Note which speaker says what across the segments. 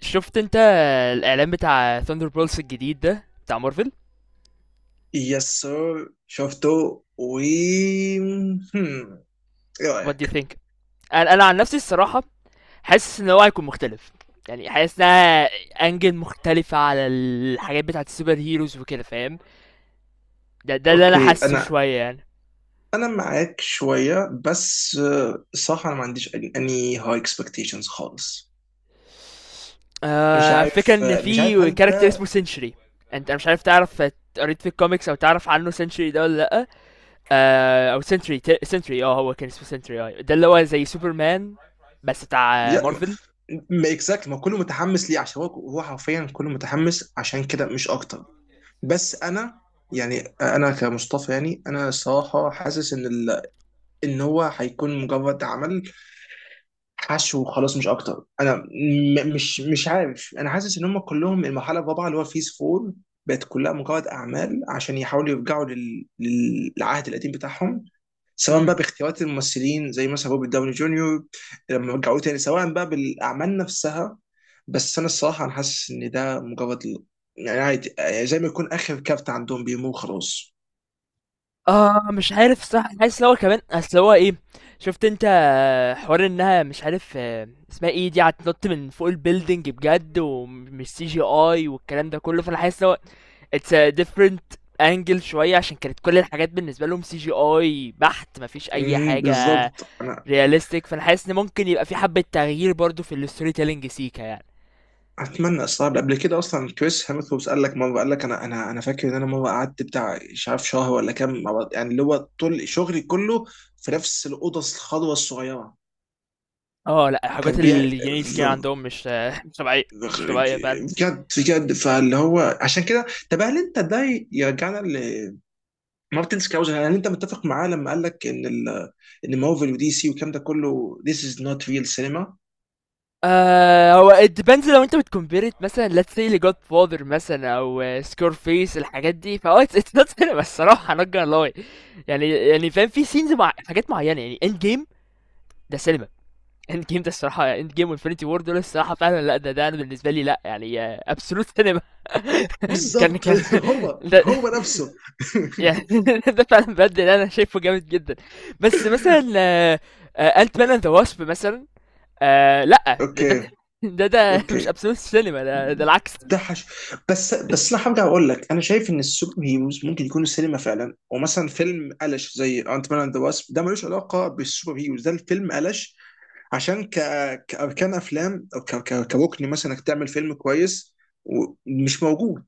Speaker 1: شفت انت الاعلان بتاع ثاندر بولس الجديد ده بتاع مارفل.
Speaker 2: يس سر شفته و هم، ايه
Speaker 1: وات دو يو
Speaker 2: رايك؟
Speaker 1: ثينك؟ انا عن نفسي الصراحه حاسس ان هو هيكون مختلف، يعني حاسس انها انجل مختلفه على الحاجات بتاعت السوبر هيروز وكده فاهم. ده اللي انا
Speaker 2: اوكي
Speaker 1: حاسه
Speaker 2: انا
Speaker 1: شويه يعني.
Speaker 2: انا معاك شويه بس الصراحه انا ما عنديش اني هاي اكسبكتيشنز خالص. مش
Speaker 1: آه، فكرة
Speaker 2: عارف
Speaker 1: ان
Speaker 2: مش عارف
Speaker 1: في
Speaker 2: هل
Speaker 1: كاركتر اسمه
Speaker 2: ده
Speaker 1: سنشري. انت مش عارف تعرف قريت في الكوميكس او تعرف عنه سنشري ده ولا لا. آه، او سنشري، هو كان اسمه سنشري، آه ده اللي هو زي سوبرمان بس بتاع
Speaker 2: يا ما
Speaker 1: مارفل.
Speaker 2: exactly، ما كله متحمس ليه عشان هو حرفيا كله متحمس عشان كده مش اكتر. بس انا يعني انا كمصطفى، يعني انا الصراحه حاسس ان هو هيكون مجرد عمل حشو وخلاص مش اكتر. انا م مش مش عارف، انا حاسس ان هم كلهم المرحله الرابعه اللي هو فيز فور بقت كلها مجرد اعمال عشان يحاولوا يرجعوا للعهد القديم بتاعهم، سواء
Speaker 1: امم
Speaker 2: بقى باختيارات الممثلين زي مثلا روبرت داوني جونيور لما رجعوه تاني، سواء بقى بالاعمال نفسها. بس انا الصراحه انا حاسس ان ده مجرد يعني عادي، يعني زي ما يكون اخر كارت عندهم بيمو خلاص.
Speaker 1: آه مش عارف الصراحة، أنا حاسس إن هو كمان أصل هو إيه. شُفت أنت حوار إنها مش عارف اسمها إيه دي، هتنط من فوق الbuilding بجد ومش CGI والكلام ده كلّه. فأنا حاسس إن هو it's a different angle شوية، عشان كانت كل الحاجات بالنسبة لهم CGI بحت، ما فيش أي حاجة
Speaker 2: بالظبط.
Speaker 1: realistic. فأنا حاسس إن ممكن يبقى في حبّة تغيير برضه في الstory telling سيكا يعني.
Speaker 2: اتمنى. استغرب قبل كده اصلا كريس هيمثوس قال لك مره، قال لك انا انا فاكر ان انا مره قعدت بتاع مش عارف شهر ولا كام يعني اللي هو طول شغلي كله في نفس الاوضه الخضراء الصغيره.
Speaker 1: آه لأ، الحاجات
Speaker 2: وكان بيع
Speaker 1: الجنائية سيكا عندهم مش مش طبيعية، مش طبيعية فعلًا.
Speaker 2: بجد بجد، فاللي هو عشان كده. طب هل انت ده يرجعنا لمارتن سكاوزر. هل انت متفق معاه لما قال لك ان مارفل ودي سي والكلام ده كله this is not real cinema؟
Speaker 1: آه، هو it depends، لو انت بتكمبيرت مثلا let's say لجود فاذر مثلا او سكور فيس الحاجات دي، فهو it's not cinema الصراحة، not gonna lie. يعني فاهم في سينز مع حاجات معينة، يعني end game ده سينما. end game ده الصراحة، end game وانفينيتي وور دول الصراحة فعلا لا، ده انا بالنسبة لي لا يعني، absolute سينما. كان
Speaker 2: بالظبط.
Speaker 1: كان
Speaker 2: هو
Speaker 1: ده
Speaker 2: هو نفسه.
Speaker 1: يعني ده فعلا بجد اللي انا شايفه جامد جدا. بس مثلا انت مان اند ذا واسب مثلا، آه لا
Speaker 2: اوكي.
Speaker 1: ده مش
Speaker 2: اوكي
Speaker 1: ابسولوت سينما، ده العكس.
Speaker 2: ده حش. بس انا هرجع اقول لك، انا شايف ان السوبر هيروز ممكن يكونوا سينما فعلا، ومثلا فيلم قلش زي انت مان اند واسب ده ملوش علاقه بالسوبر هيروز، ده الفيلم قلش. عشان كاركان افلام، او كركن مثلا انك تعمل فيلم كويس ومش موجود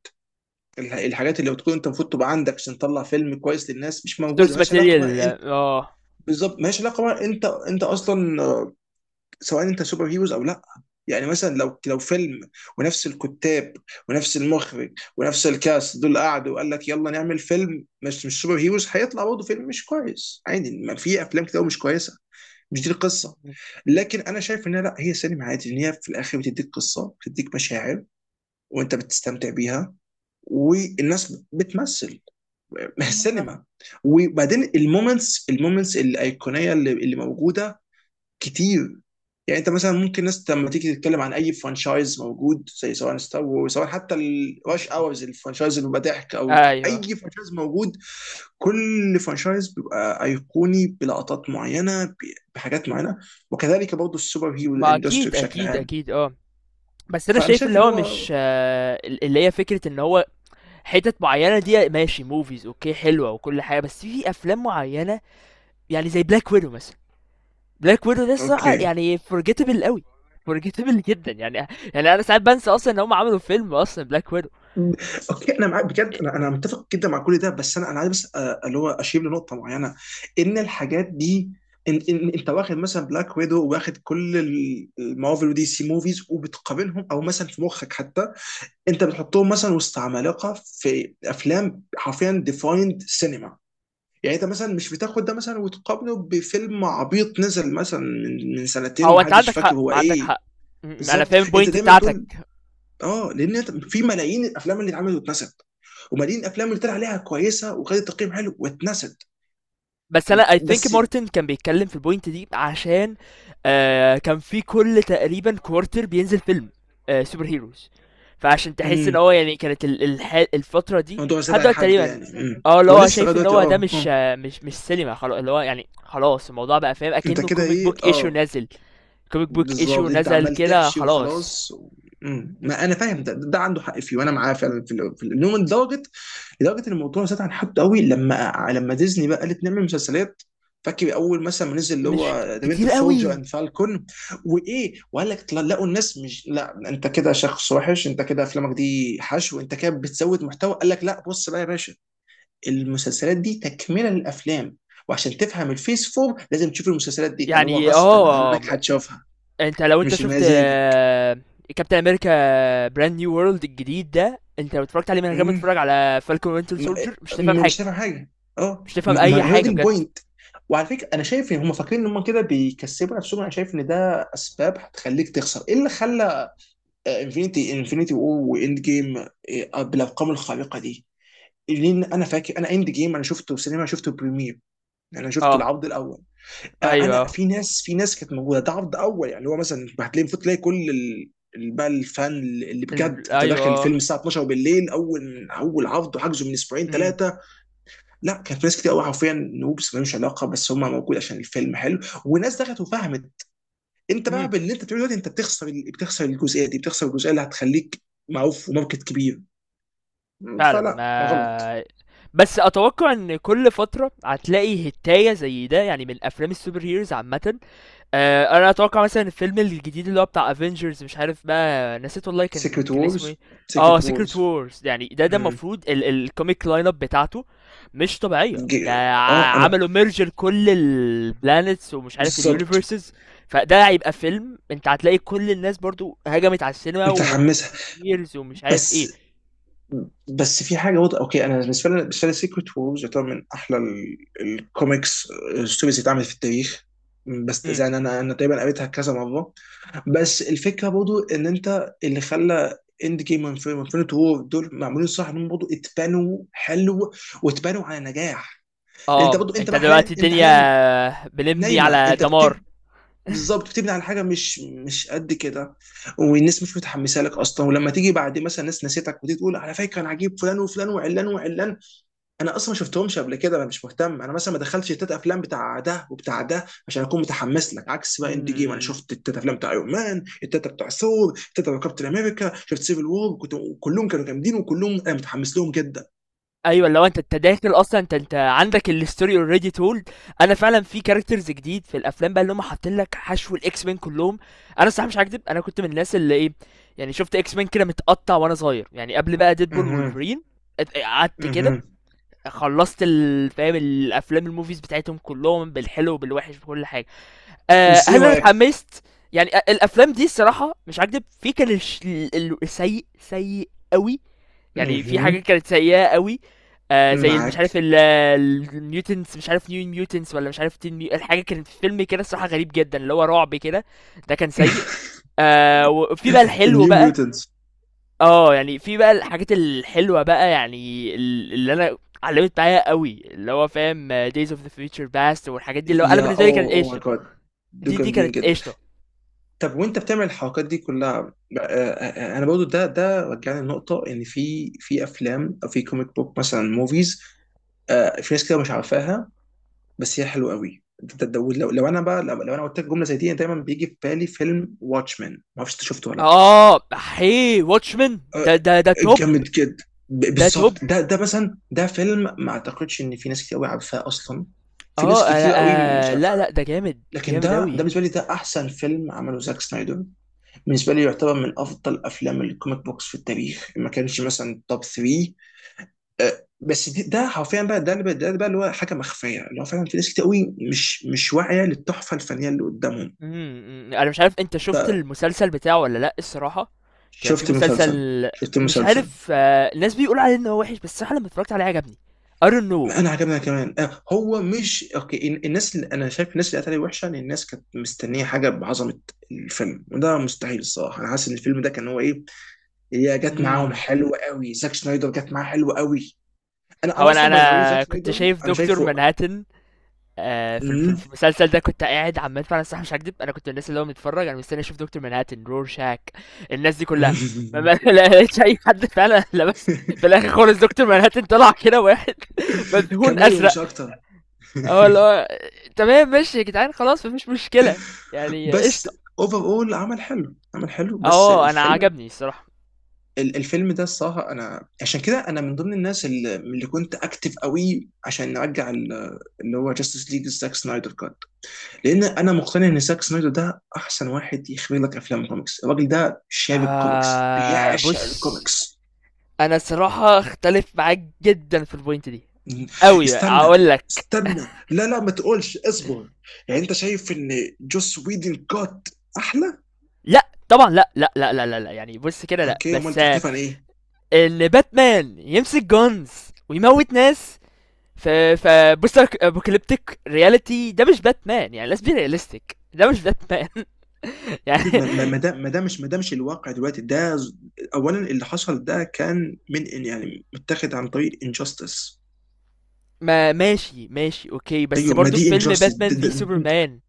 Speaker 2: الحاجات اللي بتكون انت المفروض تبقى عندك عشان تطلع فيلم كويس للناس مش موجوده،
Speaker 1: سورس
Speaker 2: مالهاش علاقه
Speaker 1: ماتيريال
Speaker 2: بقى انت.
Speaker 1: اه.
Speaker 2: بالظبط، مالهاش علاقه بقى انت، انت اصلا سواء انت سوبر هيروز او لا. يعني مثلا لو فيلم ونفس الكتاب ونفس المخرج ونفس الكاست دول قعدوا وقال لك يلا نعمل فيلم مش سوبر هيروز، هيطلع برضه فيلم مش كويس عادي. ما في افلام كتير أوي مش كويسه، مش دي القصه. لكن انا شايف ان لا، هي سينما عادي، ان هي في الاخر بتديك قصه، بتديك مشاعر وانت بتستمتع بيها والناس بتمثل. ما هي السينما. وبعدين المومنتس، المومنتس الايقونيه اللي موجوده كتير. يعني انت مثلا ممكن ناس لما تيجي تتكلم عن اي فرانشايز موجود، زي سواء ستار وورز، سواء حتى الراش اورز الفرانشايز اللي بيبقى ضحك، او اي
Speaker 1: ايوه
Speaker 2: فرانشايز موجود، كل فرانشايز بيبقى ايقوني بلقطات معينه، بحاجات معينه. وكذلك برضه السوبر هيرو
Speaker 1: ما
Speaker 2: اندستري
Speaker 1: اكيد
Speaker 2: بشكل
Speaker 1: اكيد
Speaker 2: عام.
Speaker 1: اكيد اه. بس انا
Speaker 2: فانا
Speaker 1: شايف
Speaker 2: شايف
Speaker 1: اللي
Speaker 2: ان
Speaker 1: هو
Speaker 2: هو
Speaker 1: مش، اللي هي فكره ان هو حتت معينه دي ماشي موفيز اوكي حلوه وكل حاجه، بس في افلام معينه، يعني زي بلاك ويدو مثلا. بلاك ويدو ده الصراحه
Speaker 2: اوكي.
Speaker 1: يعني فورجيتبل قوي، فورجيتبل جدا يعني. يعني انا ساعات بنسى اصلا ان هم عملوا فيلم اصلا بلاك ويدو.
Speaker 2: مم. اوكي انا معاك بجد، انا متفق جدا مع كل ده، بس انا عايز بس اللي هو اشير لنقطه معينه، ان الحاجات دي ان انت واخد مثلا بلاك ويدو، واخد كل المارفل ودي سي موفيز، وبتقابلهم او مثلا في مخك حتى انت بتحطهم مثلا وسط عمالقه في افلام حرفيا ديفايند سينما. يعني انت مثلا مش بتاخد ده مثلا وتقابله بفيلم عبيط نزل مثلا من سنتين
Speaker 1: هو انت
Speaker 2: ومحدش
Speaker 1: عندك
Speaker 2: فاكر
Speaker 1: حق،
Speaker 2: هو
Speaker 1: ما عندك
Speaker 2: ايه.
Speaker 1: حق. انا
Speaker 2: بالظبط
Speaker 1: فاهم
Speaker 2: انت
Speaker 1: البوينت
Speaker 2: دايما
Speaker 1: بتاعتك.
Speaker 2: تقول. اه، لان في ملايين الافلام اللي اتعملت واتنست، وملايين الافلام اللي طلع عليها كويسه وخدت تقييم حلو واتنست.
Speaker 1: بس انا اي ثينك
Speaker 2: بس
Speaker 1: مارتن كان بيتكلم في البوينت دي، عشان كان في كل تقريبا كوارتر بينزل فيلم، سوبر هيروز. فعشان تحس ان
Speaker 2: امم
Speaker 1: هو يعني كانت الفتره دي
Speaker 2: الموضوع زاد
Speaker 1: لحد
Speaker 2: عن
Speaker 1: دلوقتي
Speaker 2: حده
Speaker 1: تقريبا،
Speaker 2: يعني،
Speaker 1: اه اللي
Speaker 2: هو
Speaker 1: هو
Speaker 2: لسه لغايه
Speaker 1: شايف ان
Speaker 2: دلوقتي
Speaker 1: هو ده
Speaker 2: اه
Speaker 1: مش
Speaker 2: اه.
Speaker 1: مش سينما خلاص، اللي هو يعني خلاص الموضوع بقى فاهم
Speaker 2: انت
Speaker 1: اكنه
Speaker 2: كده
Speaker 1: كوميك
Speaker 2: ايه
Speaker 1: بوك ايشو
Speaker 2: اه.
Speaker 1: نزل، كوميك بوك
Speaker 2: بالظبط
Speaker 1: ايشو
Speaker 2: انت
Speaker 1: نزل
Speaker 2: عمال
Speaker 1: كده
Speaker 2: تحشي
Speaker 1: خلاص.
Speaker 2: وخلاص. مم. ما انا فاهم،
Speaker 1: م-
Speaker 2: ده ده عنده حق فيه وانا معاه فعلا في في اليوم، لدرجه، لدرجه ان الموضوع زاد عن حد قوي لما لما ديزني بقى قالت نعمل مسلسلات. فاكر اول مثلا ما نزل اللي هو
Speaker 1: مش ك-
Speaker 2: ذا وينتر
Speaker 1: كتير
Speaker 2: شولجر
Speaker 1: قوي
Speaker 2: اند فالكون، وايه؟ وقال لك لقوا الناس مش، لا انت كده شخص وحش، انت كده افلامك دي حشو، انت كده بتزود محتوى. قال لك لا بص بقى يا باشا، المسلسلات دي تكمله للافلام، وعشان تفهم الفيس فور لازم تشوف المسلسلات دي، فاللي هو
Speaker 1: يعني
Speaker 2: غصبا
Speaker 1: اه.
Speaker 2: عنك هتشوفها
Speaker 1: انت لو انت
Speaker 2: مش
Speaker 1: شفت
Speaker 2: مزاجك.
Speaker 1: كابتن امريكا براند نيو وورلد الجديد ده، انت لو اتفرجت عليه من غير ما
Speaker 2: مم.
Speaker 1: تتفرج على فالكون وينتر
Speaker 2: م-
Speaker 1: سولجر مش تفهم
Speaker 2: مش
Speaker 1: حاجه،
Speaker 2: فاهم حاجه. اه
Speaker 1: مش تفهم اي
Speaker 2: ما هو دي
Speaker 1: حاجه بجد.
Speaker 2: البوينت. وعلى فكره انا شايف ان هم فاكرين ان هم كده بيكسبوا نفسهم، انا شايف ان ده اسباب هتخليك تخسر. ايه اللي خلى انفينيتي وور واند جيم بالارقام الخارقه دي؟ لان انا فاكر انا اند جيم انا شفته سينما، شفته بريمير، انا شفته
Speaker 1: اه
Speaker 2: العرض الاول. انا
Speaker 1: ايوه.
Speaker 2: في ناس، في ناس كانت موجوده ده عرض اول، يعني اللي هو مثلا هتلاقي المفروض تلاقي كل بقى الفان، اللي بجد
Speaker 1: ال...
Speaker 2: انت داخل الفيلم
Speaker 1: ايوه.
Speaker 2: الساعه 12 بالليل، اول اول عرض، وحجزه من اسبوعين
Speaker 1: امم.
Speaker 2: ثلاثه. لا كان في ناس كتير قوي حرفيا نوبس ملوش علاقه، بس هم موجود عشان الفيلم حلو وناس دخلت وفهمت. انت بقى
Speaker 1: امم.
Speaker 2: باللي انت بتقوله دلوقتي انت بتخسر بتخسر الجزئيه دي، بتخسر الجزئيه اللي هتخليك معروف وماركت كبير. م،
Speaker 1: فعلا
Speaker 2: فلا غلط.
Speaker 1: ما. بس اتوقع ان كل فتره هتلاقي هتايه زي ده يعني، من افلام السوبر هيروز عامه. انا اتوقع مثلا الفيلم الجديد اللي هو بتاع افنجرز، مش عارف بقى نسيت والله كان
Speaker 2: سيكريت
Speaker 1: كان اسمه ايه.
Speaker 2: وورز.
Speaker 1: اه
Speaker 2: سيكريت
Speaker 1: سيكريت
Speaker 2: وورز.
Speaker 1: وورز، يعني ده ده المفروض الكوميك لاين اب بتاعته مش طبيعيه.
Speaker 2: اه انا
Speaker 1: عملوا ميرجر كل البلانيتس ومش عارف
Speaker 2: بالظبط
Speaker 1: اليونيفرسز. فده هيبقى فيلم انت هتلاقي كل الناس برضو هجمت على السينما
Speaker 2: متحمسها.
Speaker 1: وبريميرز ومش عارف ايه.
Speaker 2: بس بس في حاجه واضحه. اوكي انا بالنسبه لي، بالنسبه لي سيكريت وورز يعتبر من احلى الكوميكس ستوريز اللي اتعملت في التاريخ. بس
Speaker 1: امم.
Speaker 2: يعني انا انا تقريبا قريتها كذا مره. بس الفكره برضو ان انت اللي خلى اند جيم وانفينيت وور دول معمولين صح، انهم برضو اتبنوا حلو واتبنوا على نجاح.
Speaker 1: اه
Speaker 2: انت برضو، انت
Speaker 1: انت
Speaker 2: بقى حاليا،
Speaker 1: دلوقتي
Speaker 2: انت
Speaker 1: الدنيا
Speaker 2: حاليا
Speaker 1: بنبني
Speaker 2: نايمه
Speaker 1: على
Speaker 2: انت.
Speaker 1: دمار.
Speaker 2: بالظبط بتبني على حاجه مش قد كده، والناس مش متحمسه لك اصلا، ولما تيجي بعد مثلا ناس نسيتك وتيجي تقول على فكره انا عجيب فلان وفلان وعلان وعلان، انا اصلا ما شفتهمش قبل كده، انا مش مهتم. انا مثلا ما دخلتش التلات افلام بتاع ده وبتاع ده عشان اكون متحمس لك. عكس بقى اند جيم، انا
Speaker 1: مم.
Speaker 2: شفت التلات افلام بتاع ايرون مان، التلات بتاع ثور، التلات بتاع كابتن امريكا، شفت سيفل وور، كنت، كلهم كانوا جامدين وكلهم انا متحمس لهم جدا.
Speaker 1: ايوه، لو انت داخل اصلا، انت عندك الاستوري اوريدي تولد. انا فعلا في كاركترز جديد في الافلام بقى اللي هم حاطين لك حشو، الاكس مين كلهم. انا الصراحه مش هكدب، انا كنت من الناس اللي ايه، يعني شفت اكس مين كده متقطع وانا صغير، يعني قبل بقى ديدبول
Speaker 2: اها.
Speaker 1: وولفرين. قعدت كده،
Speaker 2: اها.
Speaker 1: خلصت فاهم الافلام الموفيز بتاعتهم كلهم بالحلو وبالوحش بكل حاجه. أه
Speaker 2: بس ايه
Speaker 1: هل انا
Speaker 2: رايك؟
Speaker 1: اتحمست؟ الافلام دي الصراحه مش هكدب، في كان السيء سيء قوي، يعني في
Speaker 2: اها.
Speaker 1: حاجات كانت سيئة قوي. آه زي مش
Speaker 2: معاك.
Speaker 1: عارف الميوتنتس، مش عارف نيو ميوتنتس ولا مش عارف الحاجة كانت في فيلم كده الصراحة غريب جدا اللي هو رعب كده، ده كان سيء. آه وفي بقى الحلو
Speaker 2: النيو
Speaker 1: بقى،
Speaker 2: ميوتنتس.
Speaker 1: اه يعني في بقى الحاجات الحلوة بقى، يعني اللي انا علمت معايا قوي، اللي هو فاهم Days of the Future Past والحاجات دي، اللي هو انا
Speaker 2: يا
Speaker 1: بالنسبة لي
Speaker 2: اوه
Speaker 1: كانت
Speaker 2: اوه ماي
Speaker 1: قشطة.
Speaker 2: جاد، دول
Speaker 1: دي دي
Speaker 2: جامدين
Speaker 1: كانت
Speaker 2: جدا.
Speaker 1: قشطة.
Speaker 2: طب وانت بتعمل الحركات دي كلها. انا برضو ده ده رجعني لنقطه ان في افلام او في كوميك بوك مثلا موفيز، في ناس كده مش عارفاها بس هي حلوه قوي. لو انا بقى، لو انا قلت لك جمله زي دي، أنا دايما بيجي في بالي فيلم واتشمان، ما اعرفش انت شفته ولا لا.
Speaker 1: اه هي واتشمان ده
Speaker 2: آه،
Speaker 1: ده ده توب،
Speaker 2: جامد جدا.
Speaker 1: ده توب.
Speaker 2: بالظبط ده ده مثلا، ده فيلم ما اعتقدش ان في ناس كتير قوي عارفاه اصلا، في ناس
Speaker 1: اه انا،
Speaker 2: كتير قوي مش عارفه.
Speaker 1: لا ده جامد
Speaker 2: لكن
Speaker 1: جامد
Speaker 2: ده ده
Speaker 1: اوي.
Speaker 2: بالنسبه لي ده احسن فيلم عمله زاك سنايدر. بالنسبه لي يعتبر من افضل افلام الكوميك بوكس في التاريخ، ما كانش مثلا توب 3. أه، بس ده حرفيا بقى، ده ده بقى اللي هو حاجه مخفيه، اللي هو فعلا في ناس كتير قوي مش واعيه للتحفه الفنيه اللي قدامهم.
Speaker 1: إمم، إمم، أنا مش عارف أنت شُفت المسلسل بتاعه والّا لأ الصراحة. كان في
Speaker 2: شفت
Speaker 1: مسلسل،
Speaker 2: المسلسل. شفت
Speaker 1: مش
Speaker 2: المسلسل.
Speaker 1: عارف الناس بيقولوا عليه إن هو وِحِش، بس الصراحة لمّا اتفرّجت عليه عجبني. I don't know.
Speaker 2: ما انا عجبنا كمان. هو مش اوكي الناس اللي انا شايف، الناس اللي قالت عليه وحشه ان الناس كانت مستنيه حاجه بعظمه الفيلم، وده مستحيل الصراحه. انا حاسس ان الفيلم ده كان هو ايه، هي جت معاهم
Speaker 1: إمم،
Speaker 2: حلوه قوي، زاك شنايدر جت معاه حلوه قوي. انا
Speaker 1: هو
Speaker 2: انا
Speaker 1: أنا
Speaker 2: اصلا باي ذا واي زاك
Speaker 1: أنا كنت
Speaker 2: شنايدر
Speaker 1: شايف
Speaker 2: انا
Speaker 1: دكتور
Speaker 2: شايفه.
Speaker 1: مانهاتن، في ال في ال
Speaker 2: مم.
Speaker 1: في المسلسل ده كنت قاعد عمّال. فعلًا الصراحة مش هاكدب، أنا كنت من الناس اللي هو متفرّج أنا مستني أشوف دكتور مانهاتن، رورشاك، الناس دي كلّها. ما ما
Speaker 2: مم.
Speaker 1: لا لقيتش أي حد فعلًا لبس. في الآخر خالص دكتور مانهاتن طلع كده واحد مدهون
Speaker 2: كاميو
Speaker 1: أزرق.
Speaker 2: مش اكتر.
Speaker 1: هو اللي هو تمام ماشي يا جدعان، خلاص مفيش مشكلة، يعني
Speaker 2: بس
Speaker 1: قشطة.
Speaker 2: اوفر اول عمل حلو، عمل حلو. بس
Speaker 1: اه انا
Speaker 2: الفيلم،
Speaker 1: عجبني الصراحة.
Speaker 2: الفيلم ده الصراحه، انا عشان كده انا من ضمن الناس اللي كنت اكتف قوي عشان نرجع اللي هو جاستس ليج زاك سنايدر كات. لان انا مقتنع ان زاك سنايدر ده احسن واحد يخرج لك افلام كوميكس. الراجل ده شارب كوميكس،
Speaker 1: آه
Speaker 2: بيعشق
Speaker 1: بص،
Speaker 2: الكوميكس.
Speaker 1: انا الصراحة اختلف معاك جدا في البوينت دي قوي
Speaker 2: استنى،
Speaker 1: اقول لك.
Speaker 2: استنى، لا لا ما تقولش، اصبر. يعني انت شايف ان جوس ويدن كات احلى؟
Speaker 1: لا طبعا، لا. يعني بص كده، لا
Speaker 2: اوكي امال
Speaker 1: بس
Speaker 2: تختلف عن ايه؟
Speaker 1: ان باتمان يمسك جونز ويموت ناس في في بوست ابوكاليبتيك رياليتي، ده مش باتمان، يعني let's be realistic، ده مش باتمان يعني.
Speaker 2: ما ما ما ده ما ده مش ما ده مش الواقع دلوقتي اولا اللي حصل ده كان يعني متاخد عن طريق انجاستس.
Speaker 1: ما ماشي اوكي، بس
Speaker 2: ايوه ما
Speaker 1: برضو في
Speaker 2: دي
Speaker 1: فيلم
Speaker 2: انجاستس.
Speaker 1: باتمان في سوبرمان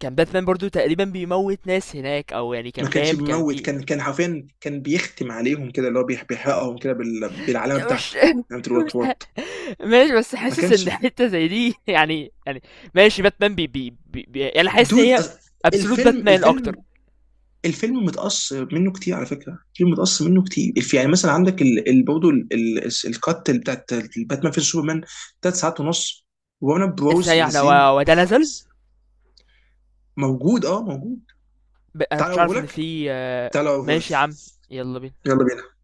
Speaker 1: كان باتمان برضو تقريبا بيموت ناس هناك، او يعني كان
Speaker 2: ما كانش
Speaker 1: فاهم كان
Speaker 2: بيموت،
Speaker 1: في.
Speaker 2: كان كان حرفيا كان بيختم عليهم كده، اللي هو بيحرقهم كده بالعلامه
Speaker 1: مش
Speaker 2: بتاعته، علامه
Speaker 1: مش
Speaker 2: الوات
Speaker 1: ه-
Speaker 2: وات.
Speaker 1: ماشي، بس
Speaker 2: ما
Speaker 1: حاسس
Speaker 2: كانش.
Speaker 1: ان حتة زي دي يعني يعني ماشي، باتمان بي بي, بي, بي يعني حاسس ان
Speaker 2: دود
Speaker 1: هي ابسولوت
Speaker 2: الفيلم،
Speaker 1: باتمان
Speaker 2: الفيلم،
Speaker 1: اكتر.
Speaker 2: الفيلم متقص منه كتير على فكره، الفيلم متقص منه كتير. يعني مثلا عندك برضه الكات اللي بتاعت باتمان في سوبرمان ثلاث ساعات ونص، وانا بروز
Speaker 1: ازاي احنا
Speaker 2: منزلين
Speaker 1: وده نزل؟
Speaker 2: موجود، اه موجود.
Speaker 1: انا
Speaker 2: تعال
Speaker 1: كنتش عارف ان
Speaker 2: اوريهولك،
Speaker 1: في
Speaker 2: تعال اوريهولك.
Speaker 1: ماشي يا عم، يلا بينا.
Speaker 2: يلا بينا.